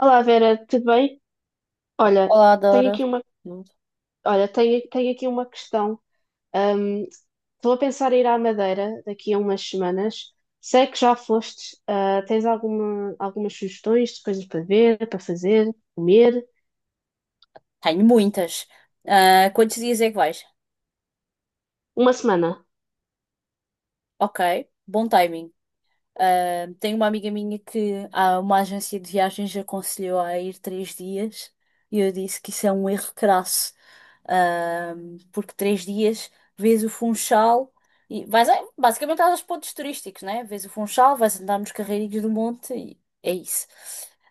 Olá Vera, tudo bem? Olha, Olá, tenho Dora. aqui uma, Hum. olha, tenho aqui uma questão. Ahm, Estou a pensar em ir à Madeira daqui a umas semanas. Sei que já foste. Tens algumas sugestões de coisas para ver, para fazer, comer? Tenho muitas. Quantos dias é que vais? Uma semana. Ok, bom timing. Tenho uma amiga minha uma agência de viagens aconselhou a ir 3 dias e eu disse que isso é um erro crasso. Ah, Porque 3 dias vês o Funchal e basicamente aos pontos turísticos, né? Vês o Funchal, vais andar nos carreirinhos do monte e é isso.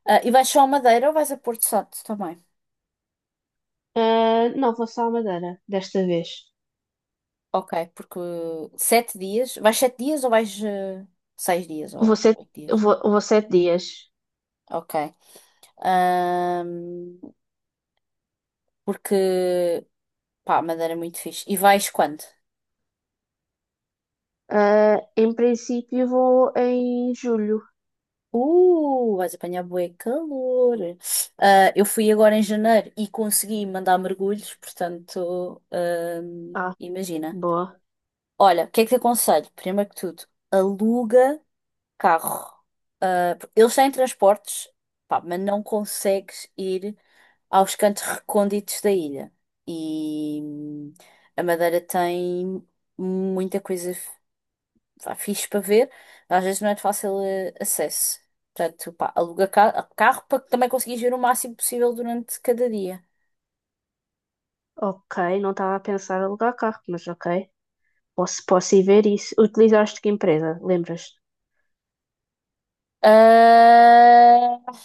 E vais só a Madeira ou vais a Porto Santo também? Ah, não, vou só à Madeira desta vez. Ok, porque 7 dias. Vais 7 dias ou vais 6 dias Vou ou sete, 8 dias? vou 7 dias. Ok. Ahm, Porque, pá, Madeira é muito fixe. E vais quando? Ah, em princípio vou em julho. Vais apanhar bué calor. Eu fui agora em janeiro e consegui mandar mergulhos, portanto, Ah, imagina. boa. Olha, o que é que te aconselho? Primeiro que tudo, aluga carro. Eles têm transportes, pá, mas não consegues ir aos cantos recônditos da ilha. E a Madeira tem muita vá, fixe para ver, mas às vezes não é de fácil acesso. Portanto, pá, aluga carro para que também conseguires ver o máximo possível durante cada dia. Ok, não estava a pensar em alugar carro, mas ok. Posso ir ver isso. Utilizaste que empresa? Lembras-te? Ah,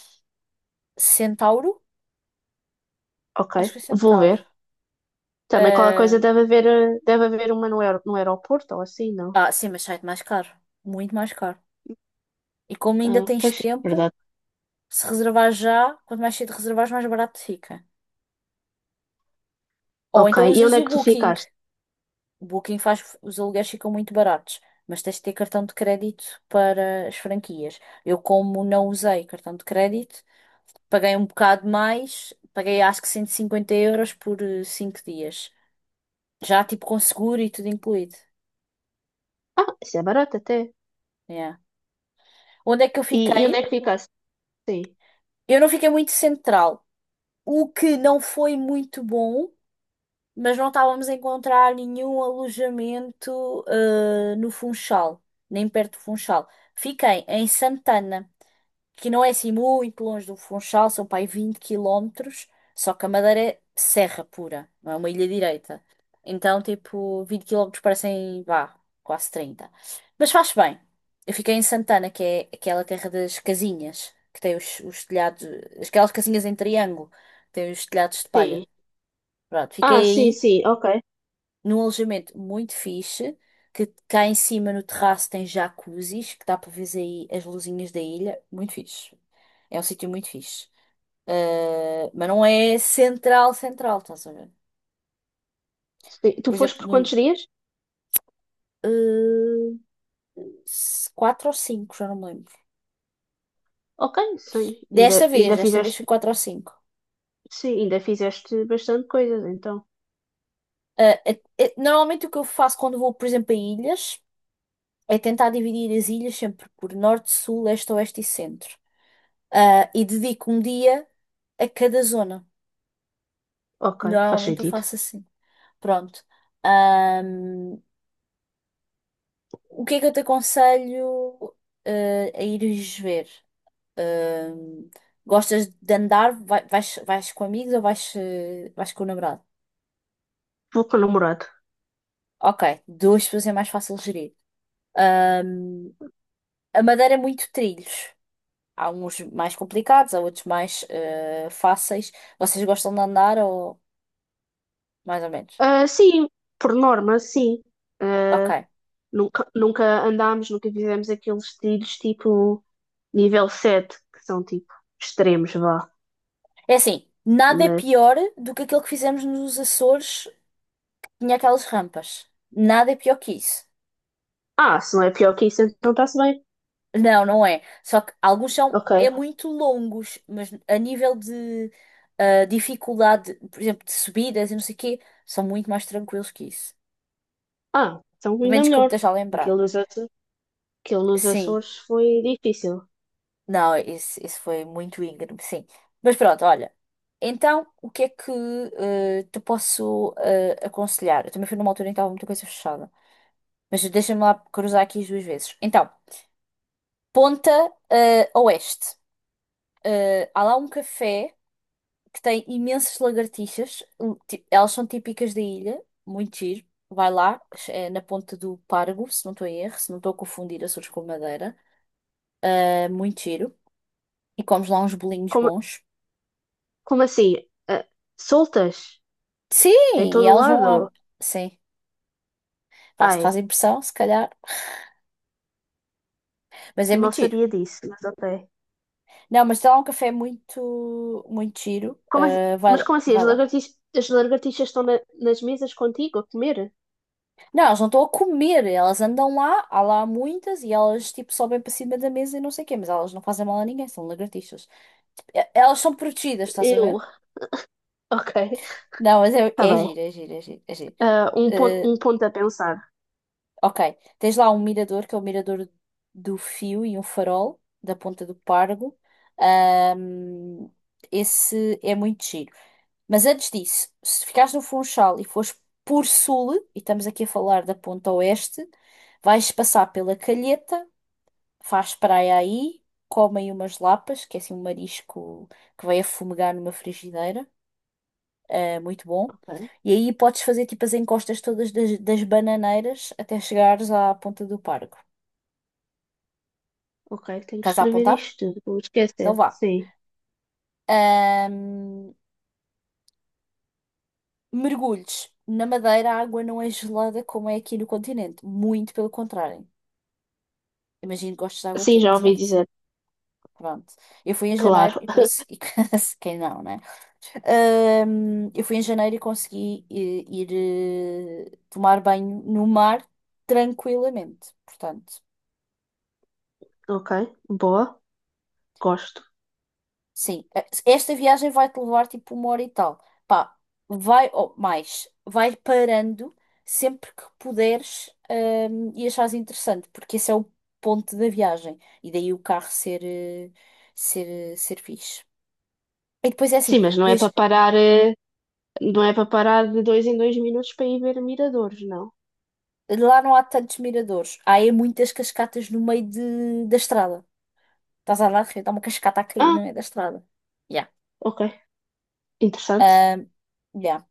Centauro? Ok, Acho que é vou Centauro. ver. Também qualquer coisa deve haver uma no aeroporto ou assim, não? Sim, mas sai mais caro. Muito mais caro. E como ainda Ah, tens pois, tempo, verdade. se reservar já, quanto mais cedo reservares, mais barato fica. Ou Ok, então e usas onde é o que tu Booking. ficaste? O Booking faz, os aluguéis ficam muito baratos, mas tens de ter cartão de crédito para as franquias. Eu, como não usei cartão de crédito, paguei um bocado mais, paguei acho que 150 euros por 5 dias. Já tipo com seguro e tudo incluído. Ah, isso é barato até. Yeah. Onde é que eu E fiquei? onde é que ficaste? Sim, Eu não fiquei muito central, o que não foi muito bom, mas não estávamos a encontrar nenhum alojamento, no Funchal, nem perto do Funchal. Fiquei em Santana, que não é assim muito longe do Funchal. São para aí 20 quilómetros, só que a Madeira é serra pura, não é uma ilha direita. Então, tipo, 20 quilómetros parecem, vá, quase 30. Mas faz bem. Eu fiquei em Santana, que é aquela terra das casinhas, que tem os telhados, aquelas casinhas em triângulo, que tem os telhados de palha. sim. Pronto, Ah, sim, fiquei sim, ok. num alojamento muito fixe, que cá em cima no terraço tem jacuzzis, que dá para ver aí as luzinhas da ilha. Muito fixe. É um sítio muito fixe. Mas não é central, central, estás a ver? Sim, tu Por foste exemplo, por no, quantos dias? uh, s- quatro ou cinco, já não me lembro. Ok, sim. Desta Ainda, vez, ainda desta vez foi fizeste, quatro ou cinco. sim, ainda fizeste bastante coisas, então. Normalmente o que eu faço quando vou, por exemplo, a ilhas, é tentar dividir as ilhas sempre por norte, sul, leste, oeste e centro. E dedico um dia a cada zona. Ok, faz Normalmente eu sentido. faço assim. Pronto. Ahm, o que é que eu te aconselho, a ires ver? Ahm, Gostas de andar? Vais com amigos ou vais com o namorado? Vou com o namorado. Ok, duas pessoas é mais fácil gerir. Ahm, a Madeira é muito trilhos. Há uns mais complicados, há outros mais fáceis. Vocês gostam de andar ou mais ou menos? Ah, sim, por norma, sim. Ah, Ok. nunca nunca fizemos aqueles trilhos tipo nível 7, que são tipo extremos, vá. É assim, nada é Mas, pior do que aquilo que fizemos nos Açores, tinha aquelas rampas. Nada é pior que isso. ah, se não é pior que isso, então está-se bem. Não, não é. Só que alguns são Ok. é muito longos, mas a nível de dificuldade, por exemplo, de subidas e não sei o quê, são muito mais tranquilos que isso. Ah, então Pelo ainda menos que eu me melhor. esteja a lembrar. Aquilo nos Açores, aquilo nos Sim. Açores foi difícil. Não, esse foi muito íngreme, sim. Mas pronto, olha. Então, o que é que te posso aconselhar? Eu também fui numa altura em que estava muita coisa fechada. Mas deixa-me lá cruzar aqui as duas vezes. Então, Ponta Oeste. Há lá um café que tem imensas lagartixas. Elas são típicas da ilha, muito giro. Vai lá, é na ponta do Pargo, se não estou em erro, se não estou a confundir Açores com Madeira. Muito giro. E comes lá uns bolinhos Como, bons. como assim? Ah, soltas? Sim, Em e todo o elas vão lá. lado? Sim, pá, se te Ai, faz impressão, se calhar. Mas é não muito giro. sabia disso, mas ok. Não, mas tem lá um café muito, muito giro. Como, assim- Eh, vai, mas lá- como assim? As vai lá. lagartixas, as lagartixas estão nas mesas contigo a comer? Não, elas não estão a comer, elas andam lá, há lá muitas e elas tipo sobem para cima da mesa e não sei o quê, mas elas não fazem mal a ninguém, são lagartixas. Elas são protegidas, estás a Eu. ver? Ok, Não, mas é, está é bem. giro, é giro, é giro, é giro. Ah, Eh, um ponto a pensar. ok, tens lá um mirador, que é o mirador do fio e um farol da Ponta do Pargo. Ahm, Esse é muito giro. Mas antes disso, se ficares no Funchal e fores por sul, e estamos aqui a falar da ponta oeste, vais passar pela Calheta, faz praia aí, comem umas lapas, que é assim um marisco que vai a fumegar numa frigideira, é muito bom. Ok, E aí podes fazer tipo as encostas todas das bananeiras até chegares à ponta do parque. ok, tenho que Estás a escrever apontar? isto tudo, vou Então esquecer. vá. Sim. Ahm, Mergulhos. Na Madeira a água não é gelada como é aqui no continente, muito pelo contrário. Imagino que gostes de água Sim, já quente, ouvi certo? dizer. Pronto. Eu fui em janeiro Claro. e consegui. Quem não, né? Eu fui em janeiro e consegui ir, tomar banho no mar tranquilamente. Portanto, Ok, boa, gosto. sim. Esta viagem vai te levar tipo uma hora e tal. Pá, vai, ou mais, vai parando sempre que puderes, e achares interessante, porque esse é o ponto da viagem. E daí o carro ser, ser fixe. E depois é assim, Sim, mas não é vês. para parar, eh, não é para parar de dois em dois minutos para ir ver miradores, não. Lá não há tantos miradores. Há é muitas cascatas no meio da estrada. Estás a andar de repente, há uma cascata a cair Ah, no meio da estrada. Yeah. ok, interessante. Ahm, yeah.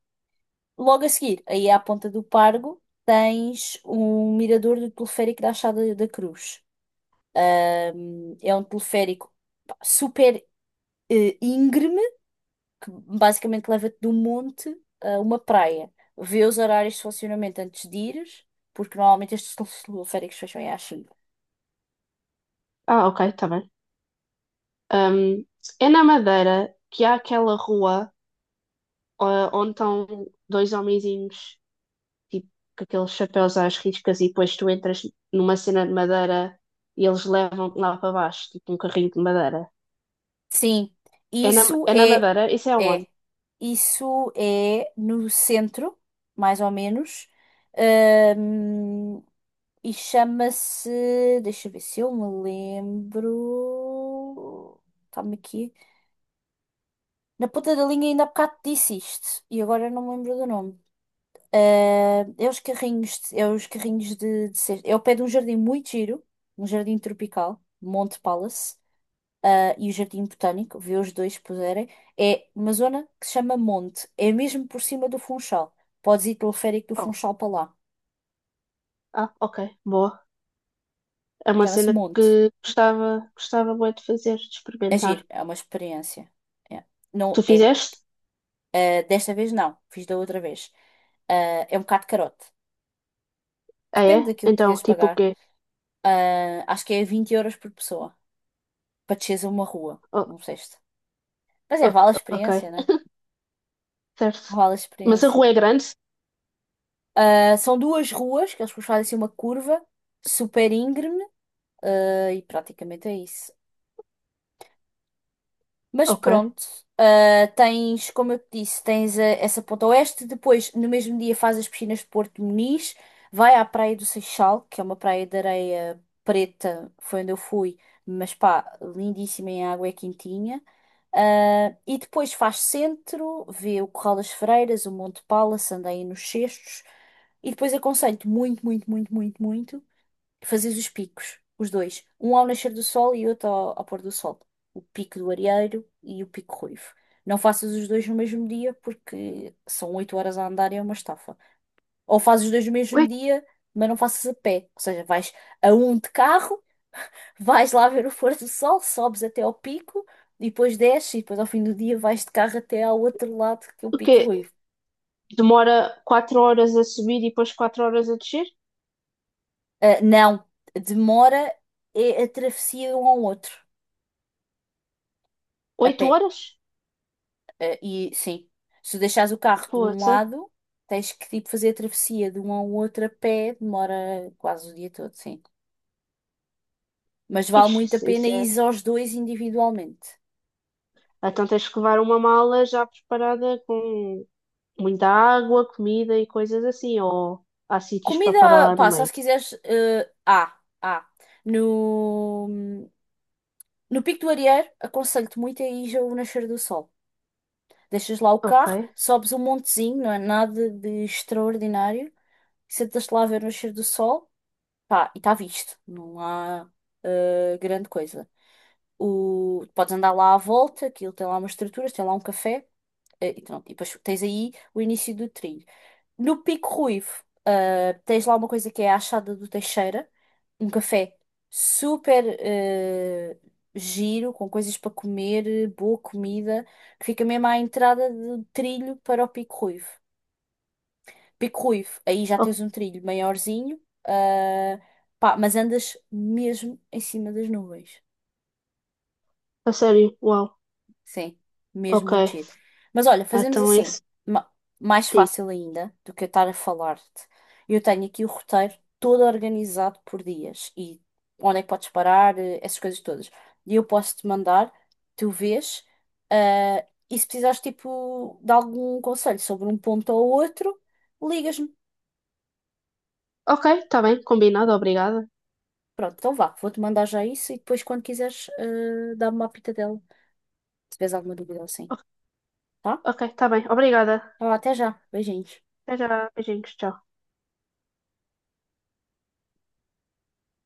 Logo a seguir, aí à ponta do Pargo, tens um mirador do teleférico da Achada da Cruz. É um teleférico pá, super íngreme, que basicamente leva-te de um monte a uma praia. Vê os horários de funcionamento antes de ires, porque normalmente estes teleféricos fecham aí às 5. Ah, ok, está bem. Ahm, É na Madeira que há aquela rua onde estão dois homenzinhos tipo, com aqueles chapéus às riscas, e depois tu entras numa cena de madeira e eles levam-te lá para baixo, tipo um carrinho de madeira. Sim, É na, isso é na é, Madeira? Isso é onde? é, isso é no centro, mais ou menos. Ahm, e chama-se, deixa eu ver se eu me lembro, está-me aqui, na ponta da linha ainda há bocado disse isto, e agora eu não me lembro do nome. É os carrinhos de cesta, é ao pé de um jardim muito giro, um jardim tropical, Monte Palace, e o Jardim Botânico, vê os dois se puderem, é uma zona que se chama Monte. É mesmo por cima do Funchal. Podes ir pelo férico do Oh, Funchal para lá. ah, ok, boa. É uma Chama-se cena Monte. que gostava muito de fazer, de experimentar. Agir é uma experiência. É. Tu Não é. fizeste? Desta vez não, fiz da outra vez. É um bocado carote. Ah, Depende é? daquilo que tu Então, queres tipo o pagar. quê? Acho que é 20 euros por pessoa para desceres a uma rua, Oh, não sei se. Mas é, ok, vale a ok, experiência, né? certo. Vale a Mas a experiência. rua é grande? São duas ruas que eles fazem assim uma curva super íngreme. E praticamente é isso. Mas Ok. pronto, tens, como eu te disse, tens essa ponta oeste. Depois, no mesmo dia, faz as piscinas de Porto Muniz, vai à Praia do Seixal, que é uma praia de areia preta, foi onde eu fui, mas pá, lindíssima em água, é quentinha. E depois faz centro, vê o Corral das Freiras, o Monte Pala, se anda aí nos Cestos. E depois aconselho-te muito, muito, muito, muito, muito. Fazes os picos, os dois. Um ao nascer do sol e outro ao pôr do sol. O pico do areeiro e o pico ruivo. Não faças os dois no mesmo dia porque são 8 horas a andar e é uma estafa. Ou fazes os dois no mesmo Ué, dia, mas não faças a pé. Ou seja, vais a um de carro, vais lá ver o pôr do sol, sobes até ao pico e depois desces e depois ao fim do dia vais de carro até ao outro lado que é o o pico quê? ruivo. Demora 4 horas a subir e depois 4 horas a descer? Não, demora é a travessia de um ao outro, a oito pé. horas? Eh, e sim, se tu deixares o carro de um Poça. lado, tens que tipo fazer a travessia de um ao outro a pé, demora quase o dia todo, sim. Mas vale muito a Ixi, pena isso ir é. aos dois individualmente. Então tens que levar uma mala já preparada com muita água, comida e coisas assim, ou há sítios para parar Comida, lá no pá, só meio. se quiseres. Ah. No, no Pico do Arieiro, aconselho-te muito a ir ao nascer do sol. Deixas lá o Ok. carro, sobes um montezinho, não é nada de extraordinário. Sentas-te lá a ver o nascer do sol. Pá, e está visto. Não há grande coisa. O, podes andar lá à volta, aquilo tem lá umas estruturas, tem lá um café, e pronto. E depois tens aí o início do trilho. No Pico Ruivo, tens lá uma coisa que é a Achada do Teixeira, um café super giro, com coisas para comer, boa comida, que fica mesmo à entrada do trilho para o Pico Ruivo. Pico Ruivo, aí já tens Oh, um trilho maiorzinho, ah, pá, mas andas mesmo em cima das nuvens. a sério? Uau. Sim, mesmo Ok. muito giro. Mas olha, fazemos Então esse assim, ma- mais fácil tipo. ainda do que eu estar a falar-te. Eu tenho aqui o roteiro todo organizado por dias e onde é que podes parar, essas coisas todas. E eu posso-te mandar, tu vês, e se precisares tipo de algum conselho sobre um ponto ou outro, ligas-me. Ok, tá bem, combinado, obrigada. Pronto, então vá, vou-te mandar já isso e depois, quando quiseres, dá-me uma pitadela, se tiveres alguma dúvida ou assim, O- tá? Ok, tá bem, obrigada. Então, até já, beijinhos. Até já, beijinhos, tchau.